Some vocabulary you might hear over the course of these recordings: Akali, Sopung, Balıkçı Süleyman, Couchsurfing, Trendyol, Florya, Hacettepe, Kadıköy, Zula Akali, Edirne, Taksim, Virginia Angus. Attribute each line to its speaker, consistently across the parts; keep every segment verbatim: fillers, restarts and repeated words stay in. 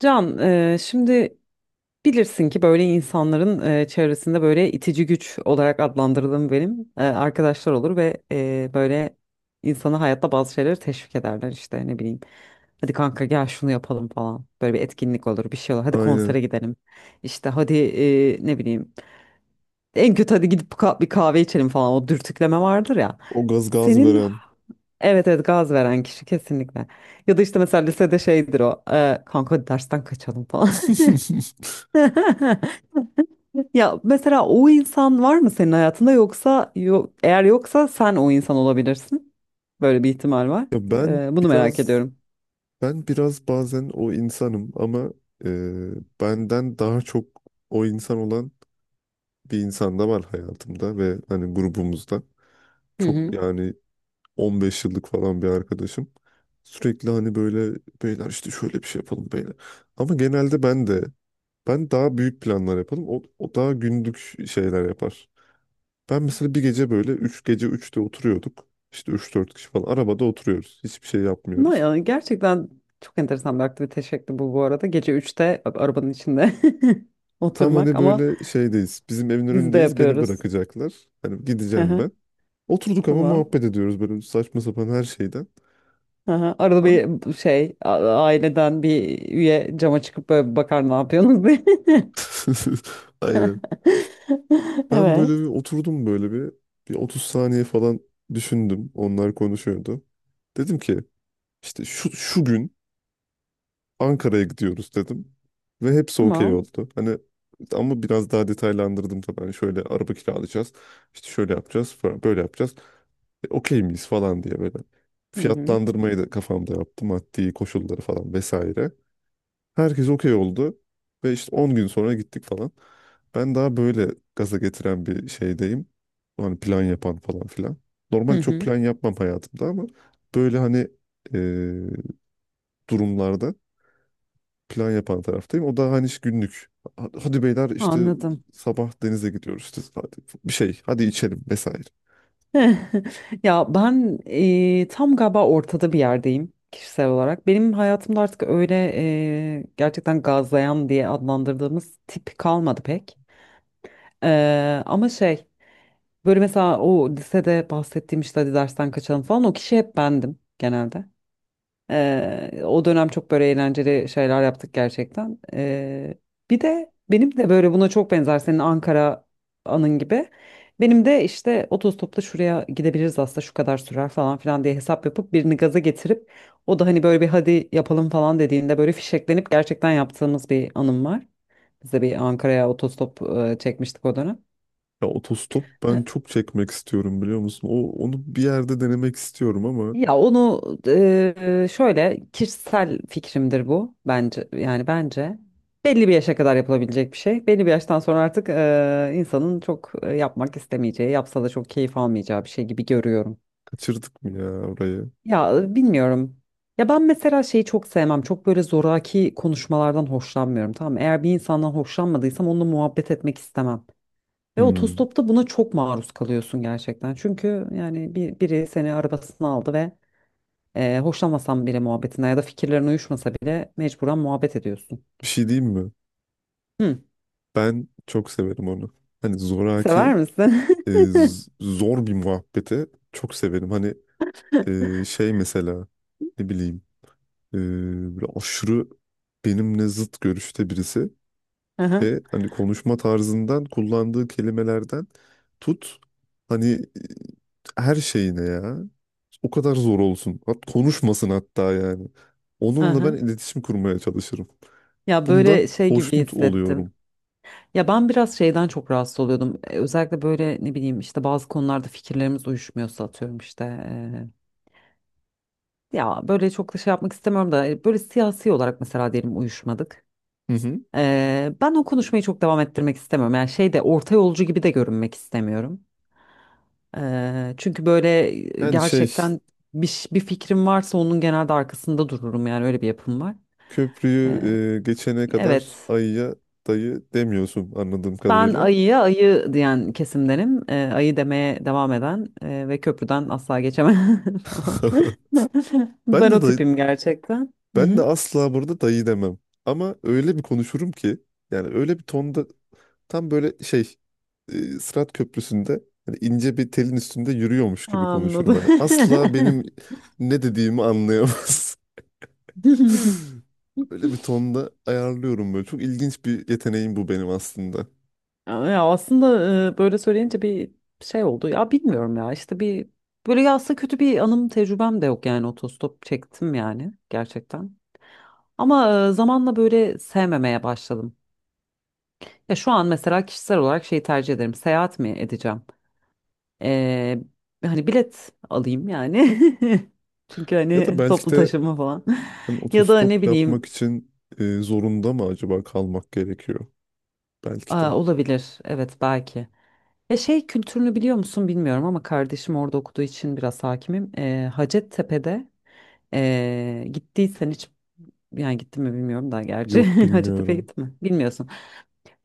Speaker 1: Can, eee, şimdi bilirsin ki böyle insanların eee, çevresinde böyle itici güç olarak adlandırdığım benim eee, arkadaşlar olur ve eee, böyle insanı hayatta bazı şeyleri teşvik ederler işte ne bileyim. Hadi kanka, gel şunu yapalım falan. Böyle bir etkinlik olur, bir şey olur. Hadi konsere
Speaker 2: Aynen.
Speaker 1: gidelim. İşte hadi eee, ne bileyim. En kötü hadi gidip ka- bir kahve içelim falan. O dürtükleme vardır ya.
Speaker 2: O gaz gaz
Speaker 1: Senin
Speaker 2: veren.
Speaker 1: evet, evet, gaz veren kişi kesinlikle. Ya da işte mesela lisede şeydir o. Eee, kanka, hadi dersten kaçalım falan. Ya, mesela o insan var mı senin hayatında, yoksa yo- eğer yoksa sen o insan olabilirsin. Böyle bir ihtimal var.
Speaker 2: Ya ben
Speaker 1: Ee, bunu merak
Speaker 2: biraz
Speaker 1: ediyorum.
Speaker 2: ben biraz bazen o insanım ama e, benden daha çok o insan olan bir insan da var hayatımda ve hani grubumuzda.
Speaker 1: Hı
Speaker 2: Çok
Speaker 1: hı.
Speaker 2: yani on beş yıllık falan bir arkadaşım. Sürekli hani böyle beyler işte şöyle bir şey yapalım beyler. Ama genelde ben de ben daha büyük planlar yapalım. O, o daha günlük şeyler yapar. Ben mesela bir gece böyle üç gece üçte oturuyorduk. İşte üç dört kişi falan arabada oturuyoruz. Hiçbir şey
Speaker 1: Ama
Speaker 2: yapmıyoruz.
Speaker 1: yani gerçekten çok enteresan bir aktivite şekli bu, bu arada. Gece üçte arabanın içinde
Speaker 2: Tam
Speaker 1: oturmak,
Speaker 2: hani
Speaker 1: ama
Speaker 2: böyle şeydeyiz. Bizim evin
Speaker 1: biz de
Speaker 2: önündeyiz. Beni
Speaker 1: yapıyoruz.
Speaker 2: bırakacaklar. Hani gideceğim
Speaker 1: Aha,
Speaker 2: ben. Oturduk ama
Speaker 1: tamam.
Speaker 2: muhabbet ediyoruz böyle saçma sapan her şeyden.
Speaker 1: Aha, arada
Speaker 2: Ben...
Speaker 1: bir şey a- aileden bir üye cama çıkıp böyle bir bakar, ne yapıyorsunuz diye.
Speaker 2: Aynen. Ben böyle bir
Speaker 1: Evet.
Speaker 2: oturdum böyle bir bir otuz saniye falan düşündüm. Onlar konuşuyordu. Dedim ki işte şu şu gün Ankara'ya gidiyoruz dedim. Ve hepsi okey
Speaker 1: Tamam.
Speaker 2: oldu. Hani ama biraz daha detaylandırdım tabii. Hani şöyle araba kiralayacağız. İşte şöyle yapacağız falan, böyle yapacağız. E, okey miyiz falan diye böyle.
Speaker 1: Hı hı.
Speaker 2: Fiyatlandırmayı da kafamda yaptım. Maddi koşulları falan vesaire. Herkes okey oldu. Ve işte on gün sonra gittik falan. Ben daha böyle gaza getiren bir şeydeyim. Hani plan yapan falan filan.
Speaker 1: Hı
Speaker 2: Normalde çok
Speaker 1: hı.
Speaker 2: plan yapmam hayatımda ama böyle hani e, durumlarda plan yapan taraftayım. O da hani işte günlük. Ha- Hadi beyler işte
Speaker 1: Anladım.
Speaker 2: sabah denize gidiyoruz işte hadi bir şey hadi içelim vesaire.
Speaker 1: Ya ben eee, tam galiba ortada bir yerdeyim kişisel olarak. Benim hayatımda artık öyle eee, gerçekten gazlayan diye adlandırdığımız tip kalmadı pek. Eee, ama şey, böyle mesela o lisede bahsettiğim işte hadi dersten kaçalım falan, o kişi hep bendim genelde. Eee, o dönem çok böyle eğlenceli şeyler yaptık gerçekten. Eee, bir de benim de böyle buna çok benzer, senin Ankara anın gibi. Benim de işte otostopla şuraya gidebiliriz aslında, şu kadar sürer falan filan diye hesap yapıp birini gaza getirip, o da hani böyle bir hadi yapalım falan dediğinde böyle fişeklenip gerçekten yaptığımız bir anım var. Biz de bir Ankara'ya otostop eee, çekmiştik o dönem.
Speaker 2: Ya otostop ben çok çekmek istiyorum biliyor musun? O, onu bir yerde denemek istiyorum ama
Speaker 1: Ya onu eee, şöyle, kişisel fikrimdir bu, bence yani, bence belli bir yaşa kadar yapılabilecek bir şey. Belli bir yaştan sonra artık eee, insanın çok e, yapmak istemeyeceği, yapsa da çok keyif almayacağı bir şey gibi görüyorum.
Speaker 2: kaçırdık mı ya orayı?
Speaker 1: Ya e, bilmiyorum. Ya ben mesela şeyi çok sevmem. Çok böyle zoraki konuşmalardan hoşlanmıyorum. Tamam mı? Eğer bir insandan hoşlanmadıysam onunla muhabbet etmek istemem. Ve
Speaker 2: Hmm.
Speaker 1: otostopta buna çok maruz kalıyorsun gerçekten. Çünkü yani bir, biri seni arabasına aldı ve ee, hoşlanmasan bile muhabbetine, ya da fikirlerin uyuşmasa bile mecburen muhabbet ediyorsun.
Speaker 2: Bir şey diyeyim mi?
Speaker 1: Hı,
Speaker 2: Ben çok severim onu. Hani zoraki
Speaker 1: sever misin?
Speaker 2: e, z- zor bir muhabbeti çok severim. Hani e, şey mesela ne bileyim. Ee, Böyle aşırı benimle zıt görüşte birisi
Speaker 1: Aha,
Speaker 2: ve hani konuşma tarzından, kullandığı kelimelerden tut, hani e, her şeyine ya, o kadar zor olsun, hat konuşmasın, hatta yani onunla ben
Speaker 1: aha.
Speaker 2: iletişim kurmaya çalışırım,
Speaker 1: Ya
Speaker 2: bundan
Speaker 1: böyle şey gibi
Speaker 2: hoşnut
Speaker 1: hissettim.
Speaker 2: oluyorum.
Speaker 1: Ya ben biraz şeyden çok rahatsız oluyordum. Ee, Özellikle böyle, ne bileyim, işte bazı konularda fikirlerimiz uyuşmuyorsa, atıyorum işte. Ee, ya böyle çok da şey yapmak istemiyorum da, e, böyle siyasi olarak mesela, diyelim uyuşmadık.
Speaker 2: Hı hı.
Speaker 1: Ee, ben o konuşmayı çok devam ettirmek istemiyorum. Yani şey de, orta yolcu gibi de görünmek istemiyorum. Eee, çünkü böyle
Speaker 2: Yani şey,
Speaker 1: gerçekten bir, ş- bir fikrim varsa onun genelde arkasında dururum, yani öyle bir yapım var.
Speaker 2: köprüyü
Speaker 1: Eee,
Speaker 2: e, geçene kadar
Speaker 1: evet.
Speaker 2: ayıya dayı demiyorsun anladığım
Speaker 1: Ben
Speaker 2: kadarıyla.
Speaker 1: ayıya ayı diyen kesimdenim. Eee, ayı demeye devam eden eee, ve köprüden asla geçemem falan.
Speaker 2: Ben
Speaker 1: Ben
Speaker 2: de
Speaker 1: o
Speaker 2: dayı,
Speaker 1: tipim gerçekten. Hı
Speaker 2: ben de
Speaker 1: hı.
Speaker 2: asla burada dayı demem. Ama öyle bir konuşurum ki, yani öyle bir tonda, tam böyle şey, e, Sırat Köprüsü'nde hani ince bir telin üstünde yürüyormuş gibi konuşurum
Speaker 1: Anladım.
Speaker 2: hani. Asla benim ne dediğimi anlayamaz. Öyle bir tonda ayarlıyorum böyle. Çok ilginç bir yeteneğim bu benim aslında.
Speaker 1: Ya aslında, e, böyle söyleyince bir şey oldu. Ya bilmiyorum, ya işte bir, böyle, ya aslında kötü bir anım, tecrübem de yok yani otostop çektim yani gerçekten. Ama e, zamanla böyle sevmemeye başladım. Ya şu an mesela kişisel olarak şeyi tercih ederim. Seyahat mi edeceğim? Ee, Hani bilet alayım yani. Çünkü
Speaker 2: Ya da
Speaker 1: hani
Speaker 2: belki
Speaker 1: toplu
Speaker 2: de
Speaker 1: taşıma falan.
Speaker 2: hani
Speaker 1: Ya da ne
Speaker 2: otostop yapmak
Speaker 1: bileyim,
Speaker 2: için e, zorunda mı acaba kalmak gerekiyor?
Speaker 1: e,
Speaker 2: Belki de.
Speaker 1: olabilir. Evet, belki. Ya, şey kültürünü biliyor musun bilmiyorum ama, kardeşim orada okuduğu için biraz hakimim. Ee, Hacettepe'de ee, gittiysen hiç, yani gittin mi bilmiyorum da gerçi
Speaker 2: Yok
Speaker 1: Hacettepe'ye
Speaker 2: bilmiyorum.
Speaker 1: gittin mi bilmiyorsun.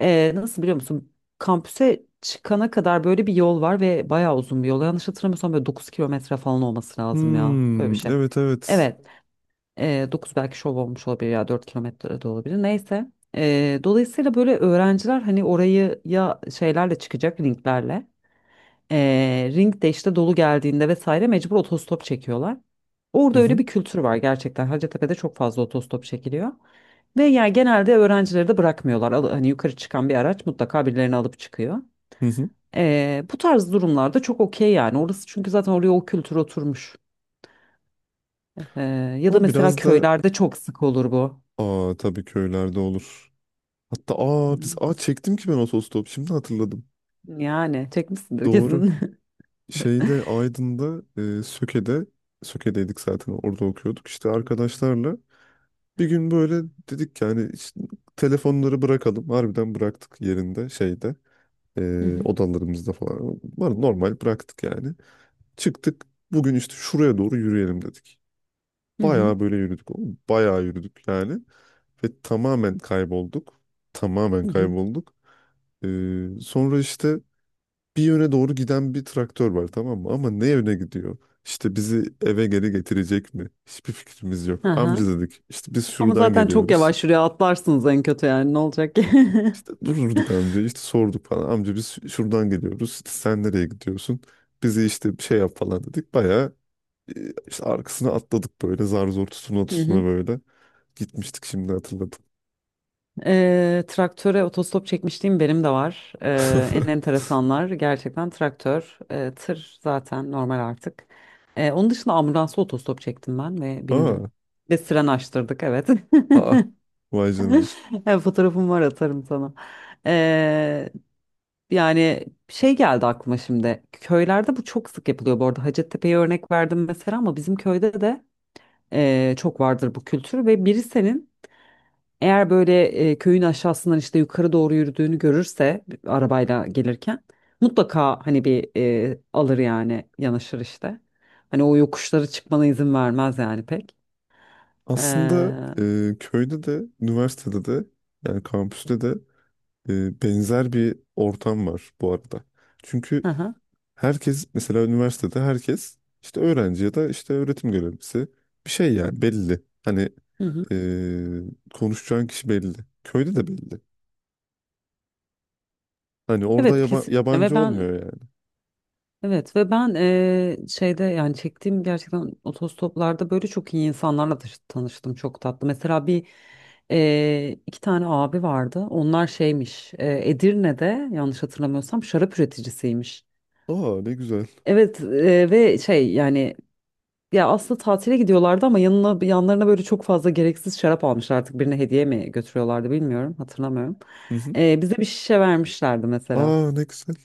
Speaker 1: Ee, nasıl biliyor musun? Kampüse çıkana kadar böyle bir yol var ve bayağı uzun bir yol. Yanlış hatırlamıyorsam böyle dokuz kilometre falan olması lazım ya. Öyle
Speaker 2: Hmm,
Speaker 1: bir şey.
Speaker 2: evet, evet.
Speaker 1: Evet, e, dokuz belki şov olmuş olabilir, ya dört kilometre de olabilir. Neyse. E, dolayısıyla böyle öğrenciler hani orayı ya şeylerle çıkacak, linklerle ee, ring de işte dolu geldiğinde vesaire, mecbur otostop çekiyorlar.
Speaker 2: Hı
Speaker 1: Orada öyle
Speaker 2: hı.
Speaker 1: bir kültür var gerçekten. Hacettepe'de çok fazla otostop çekiliyor. Ve yani genelde öğrencileri de bırakmıyorlar. Al- Hani yukarı çıkan bir araç mutlaka birilerini alıp çıkıyor.
Speaker 2: Hı hı.
Speaker 1: Ee, bu tarz durumlarda çok okey yani. Orası çünkü zaten, oraya o kültür oturmuş. Ee, Ya da
Speaker 2: Ama
Speaker 1: mesela
Speaker 2: biraz da,
Speaker 1: köylerde çok sık olur bu.
Speaker 2: aa tabii, köylerde olur. Hatta aa biz,
Speaker 1: Hmm.
Speaker 2: aa çektim ki ben otostop, şimdi hatırladım.
Speaker 1: Yani çekmişsindir
Speaker 2: Doğru.
Speaker 1: kesin.
Speaker 2: Şeyde, Aydın'da, e, Söke'de, Söke'deydik zaten orada okuyorduk. İşte arkadaşlarla bir gün böyle dedik yani, işte telefonları bırakalım. Harbiden bıraktık yerinde, şeyde,
Speaker 1: Hı
Speaker 2: e,
Speaker 1: hı.
Speaker 2: odalarımızda falan. Var, normal bıraktık yani. Çıktık, bugün işte şuraya doğru yürüyelim dedik.
Speaker 1: Hı hı.
Speaker 2: Bayağı böyle yürüdük. Bayağı yürüdük yani. Ve tamamen kaybolduk. Tamamen
Speaker 1: Hı hı.
Speaker 2: kaybolduk. Ee, sonra işte bir yöne doğru giden bir traktör var, tamam mı? Ama ne yöne gidiyor? İşte bizi eve geri getirecek mi? Hiçbir fikrimiz yok. Amca
Speaker 1: Aha.
Speaker 2: dedik, işte biz
Speaker 1: Ama
Speaker 2: şuradan
Speaker 1: zaten çok
Speaker 2: geliyoruz.
Speaker 1: yavaş, şuraya atlarsınız en kötü, yani ne olacak ki?
Speaker 2: İşte durdurduk amca, işte sorduk falan. Amca biz ş- şuradan geliyoruz. İşte sen nereye gidiyorsun? Bizi işte bir şey yap falan dedik. Bayağı e, işte arkasına atladık, böyle zar zor tutuna
Speaker 1: Hı hı.
Speaker 2: tutuna böyle. Gitmiştik, şimdi hatırladım.
Speaker 1: Eee, traktöre otostop çekmişliğim benim de var. Eee, en enteresanlar gerçekten traktör, eee, tır zaten normal artık. Eee, onun dışında ambulansa otostop çektim ben ve bindim.
Speaker 2: Aa,
Speaker 1: Ve siren açtırdık, evet.
Speaker 2: aa vay canına.
Speaker 1: Evet, fotoğrafım var, atarım sana. Eee, Yani şey geldi aklıma şimdi. Köylerde bu çok sık yapılıyor bu arada. Hacettepe'ye örnek verdim mesela ama, bizim köyde de eee, çok vardır bu kültür, ve biri senin, eğer böyle e, köyün aşağısından işte yukarı doğru yürüdüğünü görürse arabayla gelirken, mutlaka hani bir e, alır, yani yanaşır işte. Hani o yokuşları çıkmana izin vermez yani pek. Ee,
Speaker 2: Aslında
Speaker 1: hı
Speaker 2: e, köyde de, üniversitede de, yani kampüste de, e, benzer bir ortam var bu arada. Çünkü
Speaker 1: hı,
Speaker 2: herkes, mesela üniversitede herkes işte öğrenci ya da işte öğretim görevlisi bir şey, yani belli. Hani
Speaker 1: hı hı.
Speaker 2: e, konuşacağın kişi belli. Köyde de belli. Hani orada
Speaker 1: Evet
Speaker 2: yaba-
Speaker 1: kesinlikle, ve
Speaker 2: yabancı
Speaker 1: ben,
Speaker 2: olmuyor yani.
Speaker 1: evet, ve ben e, şeyde yani çektiğim gerçekten otostoplarda böyle çok iyi insanlarla tanış- tanıştım, çok tatlı. Mesela bir e, iki tane abi vardı. Onlar şeymiş, e, Edirne'de yanlış hatırlamıyorsam şarap üreticisiymiş.
Speaker 2: Aa ne güzel.
Speaker 1: Evet, e, ve şey yani, ya aslında tatile gidiyorlardı ama yanına, yanlarına böyle çok fazla gereksiz şarap almışlar, artık birine hediye mi götürüyorlardı bilmiyorum, hatırlamıyorum.
Speaker 2: Hı hı.
Speaker 1: E, bize bir şişe vermişlerdi mesela.
Speaker 2: Aa ne güzel.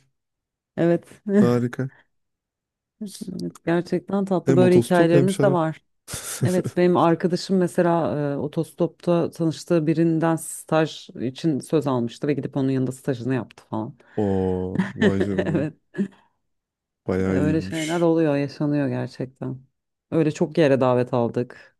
Speaker 1: Evet.
Speaker 2: Harika.
Speaker 1: Evet, gerçekten tatlı
Speaker 2: Hem
Speaker 1: böyle
Speaker 2: otostop, hem
Speaker 1: hikayelerimiz de
Speaker 2: şarap.
Speaker 1: var. Evet, benim arkadaşım mesela e, otostopta tanıştığı birinden staj için söz almıştı ve gidip onun yanında stajını yaptı falan.
Speaker 2: Oo vay canına.
Speaker 1: Evet,
Speaker 2: Bayağı
Speaker 1: öyle şeyler
Speaker 2: iyiymiş.
Speaker 1: oluyor, yaşanıyor gerçekten. Öyle çok yere davet aldık.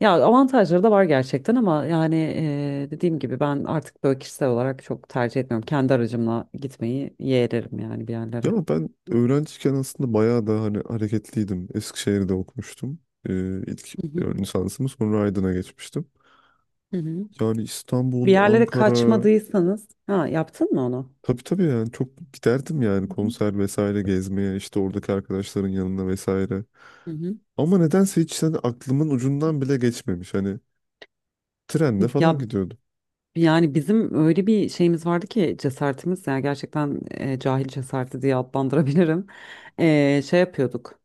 Speaker 1: Ya avantajları da var gerçekten ama yani eee, dediğim gibi ben artık böyle kişisel olarak çok tercih etmiyorum. Kendi aracımla gitmeyi yeğlerim yani bir yerlere.
Speaker 2: Ya ama ben öğrenciyken aslında bayağı da hani hareketliydim. Eskişehir'de okumuştum. Ee, ilk
Speaker 1: Hı hı,
Speaker 2: ön lisansımı, sonra Aydın'a geçmiştim.
Speaker 1: hı hı.
Speaker 2: Yani
Speaker 1: Bir
Speaker 2: İstanbul,
Speaker 1: yerlere
Speaker 2: Ankara...
Speaker 1: kaçmadıysanız, ha, yaptın mı onu?
Speaker 2: Tabii, tabii, yani çok giderdim yani,
Speaker 1: Hı
Speaker 2: konser vesaire, gezmeye, işte oradaki arkadaşların yanına vesaire.
Speaker 1: hı, hı hı.
Speaker 2: Ama nedense hiç hani aklımın ucundan bile geçmemiş. Hani trenle
Speaker 1: Ya
Speaker 2: falan gidiyordum.
Speaker 1: yani bizim öyle bir şeyimiz vardı ki, cesaretimiz yani gerçekten, e, cahil cesareti diye adlandırabilirim. E, şey yapıyorduk.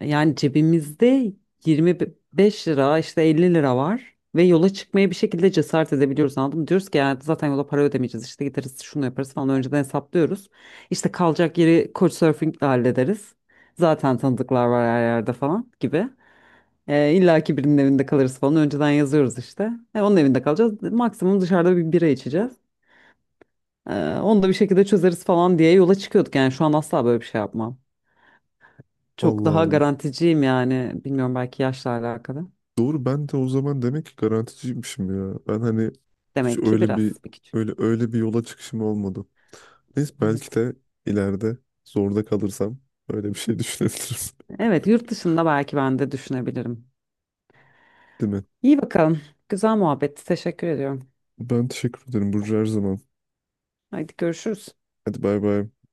Speaker 1: Yani cebimizde yirmi beş lira işte, elli lira var ve yola çıkmaya bir şekilde cesaret edebiliyoruz, anladın mı? Diyoruz ki yani zaten yola para ödemeyeceğiz, işte gideriz, şunu yaparız falan, önceden hesaplıyoruz. İşte kalacak yeri Couchsurfing'le hallederiz. Zaten tanıdıklar var her yerde falan gibi. E, illa ki birinin evinde kalırız falan, önceden yazıyoruz işte. E, onun evinde kalacağız, maksimum dışarıda bir bira içeceğiz. E, Onu da bir şekilde çözeriz falan diye yola çıkıyorduk, yani şu an asla böyle bir şey yapmam. Çok
Speaker 2: Allah
Speaker 1: daha
Speaker 2: Allah.
Speaker 1: garanticiyim yani, bilmiyorum, belki yaşla alakalı.
Speaker 2: Doğru, ben de o zaman demek ki garanticiymişim ya. Ben hani hiç
Speaker 1: Demek ki
Speaker 2: öyle bir,
Speaker 1: biraz bir küçük.
Speaker 2: öyle öyle bir yola çıkışım olmadı. Neyse, belki
Speaker 1: Evet.
Speaker 2: de ileride zorda kalırsam öyle bir şey düşünebilirim.
Speaker 1: Evet, yurt dışında belki ben de düşünebilirim.
Speaker 2: Değil mi?
Speaker 1: İyi bakalım. Güzel muhabbet. Teşekkür ediyorum.
Speaker 2: Ben teşekkür ederim Burcu, her zaman.
Speaker 1: Haydi görüşürüz.
Speaker 2: Hadi bay bay.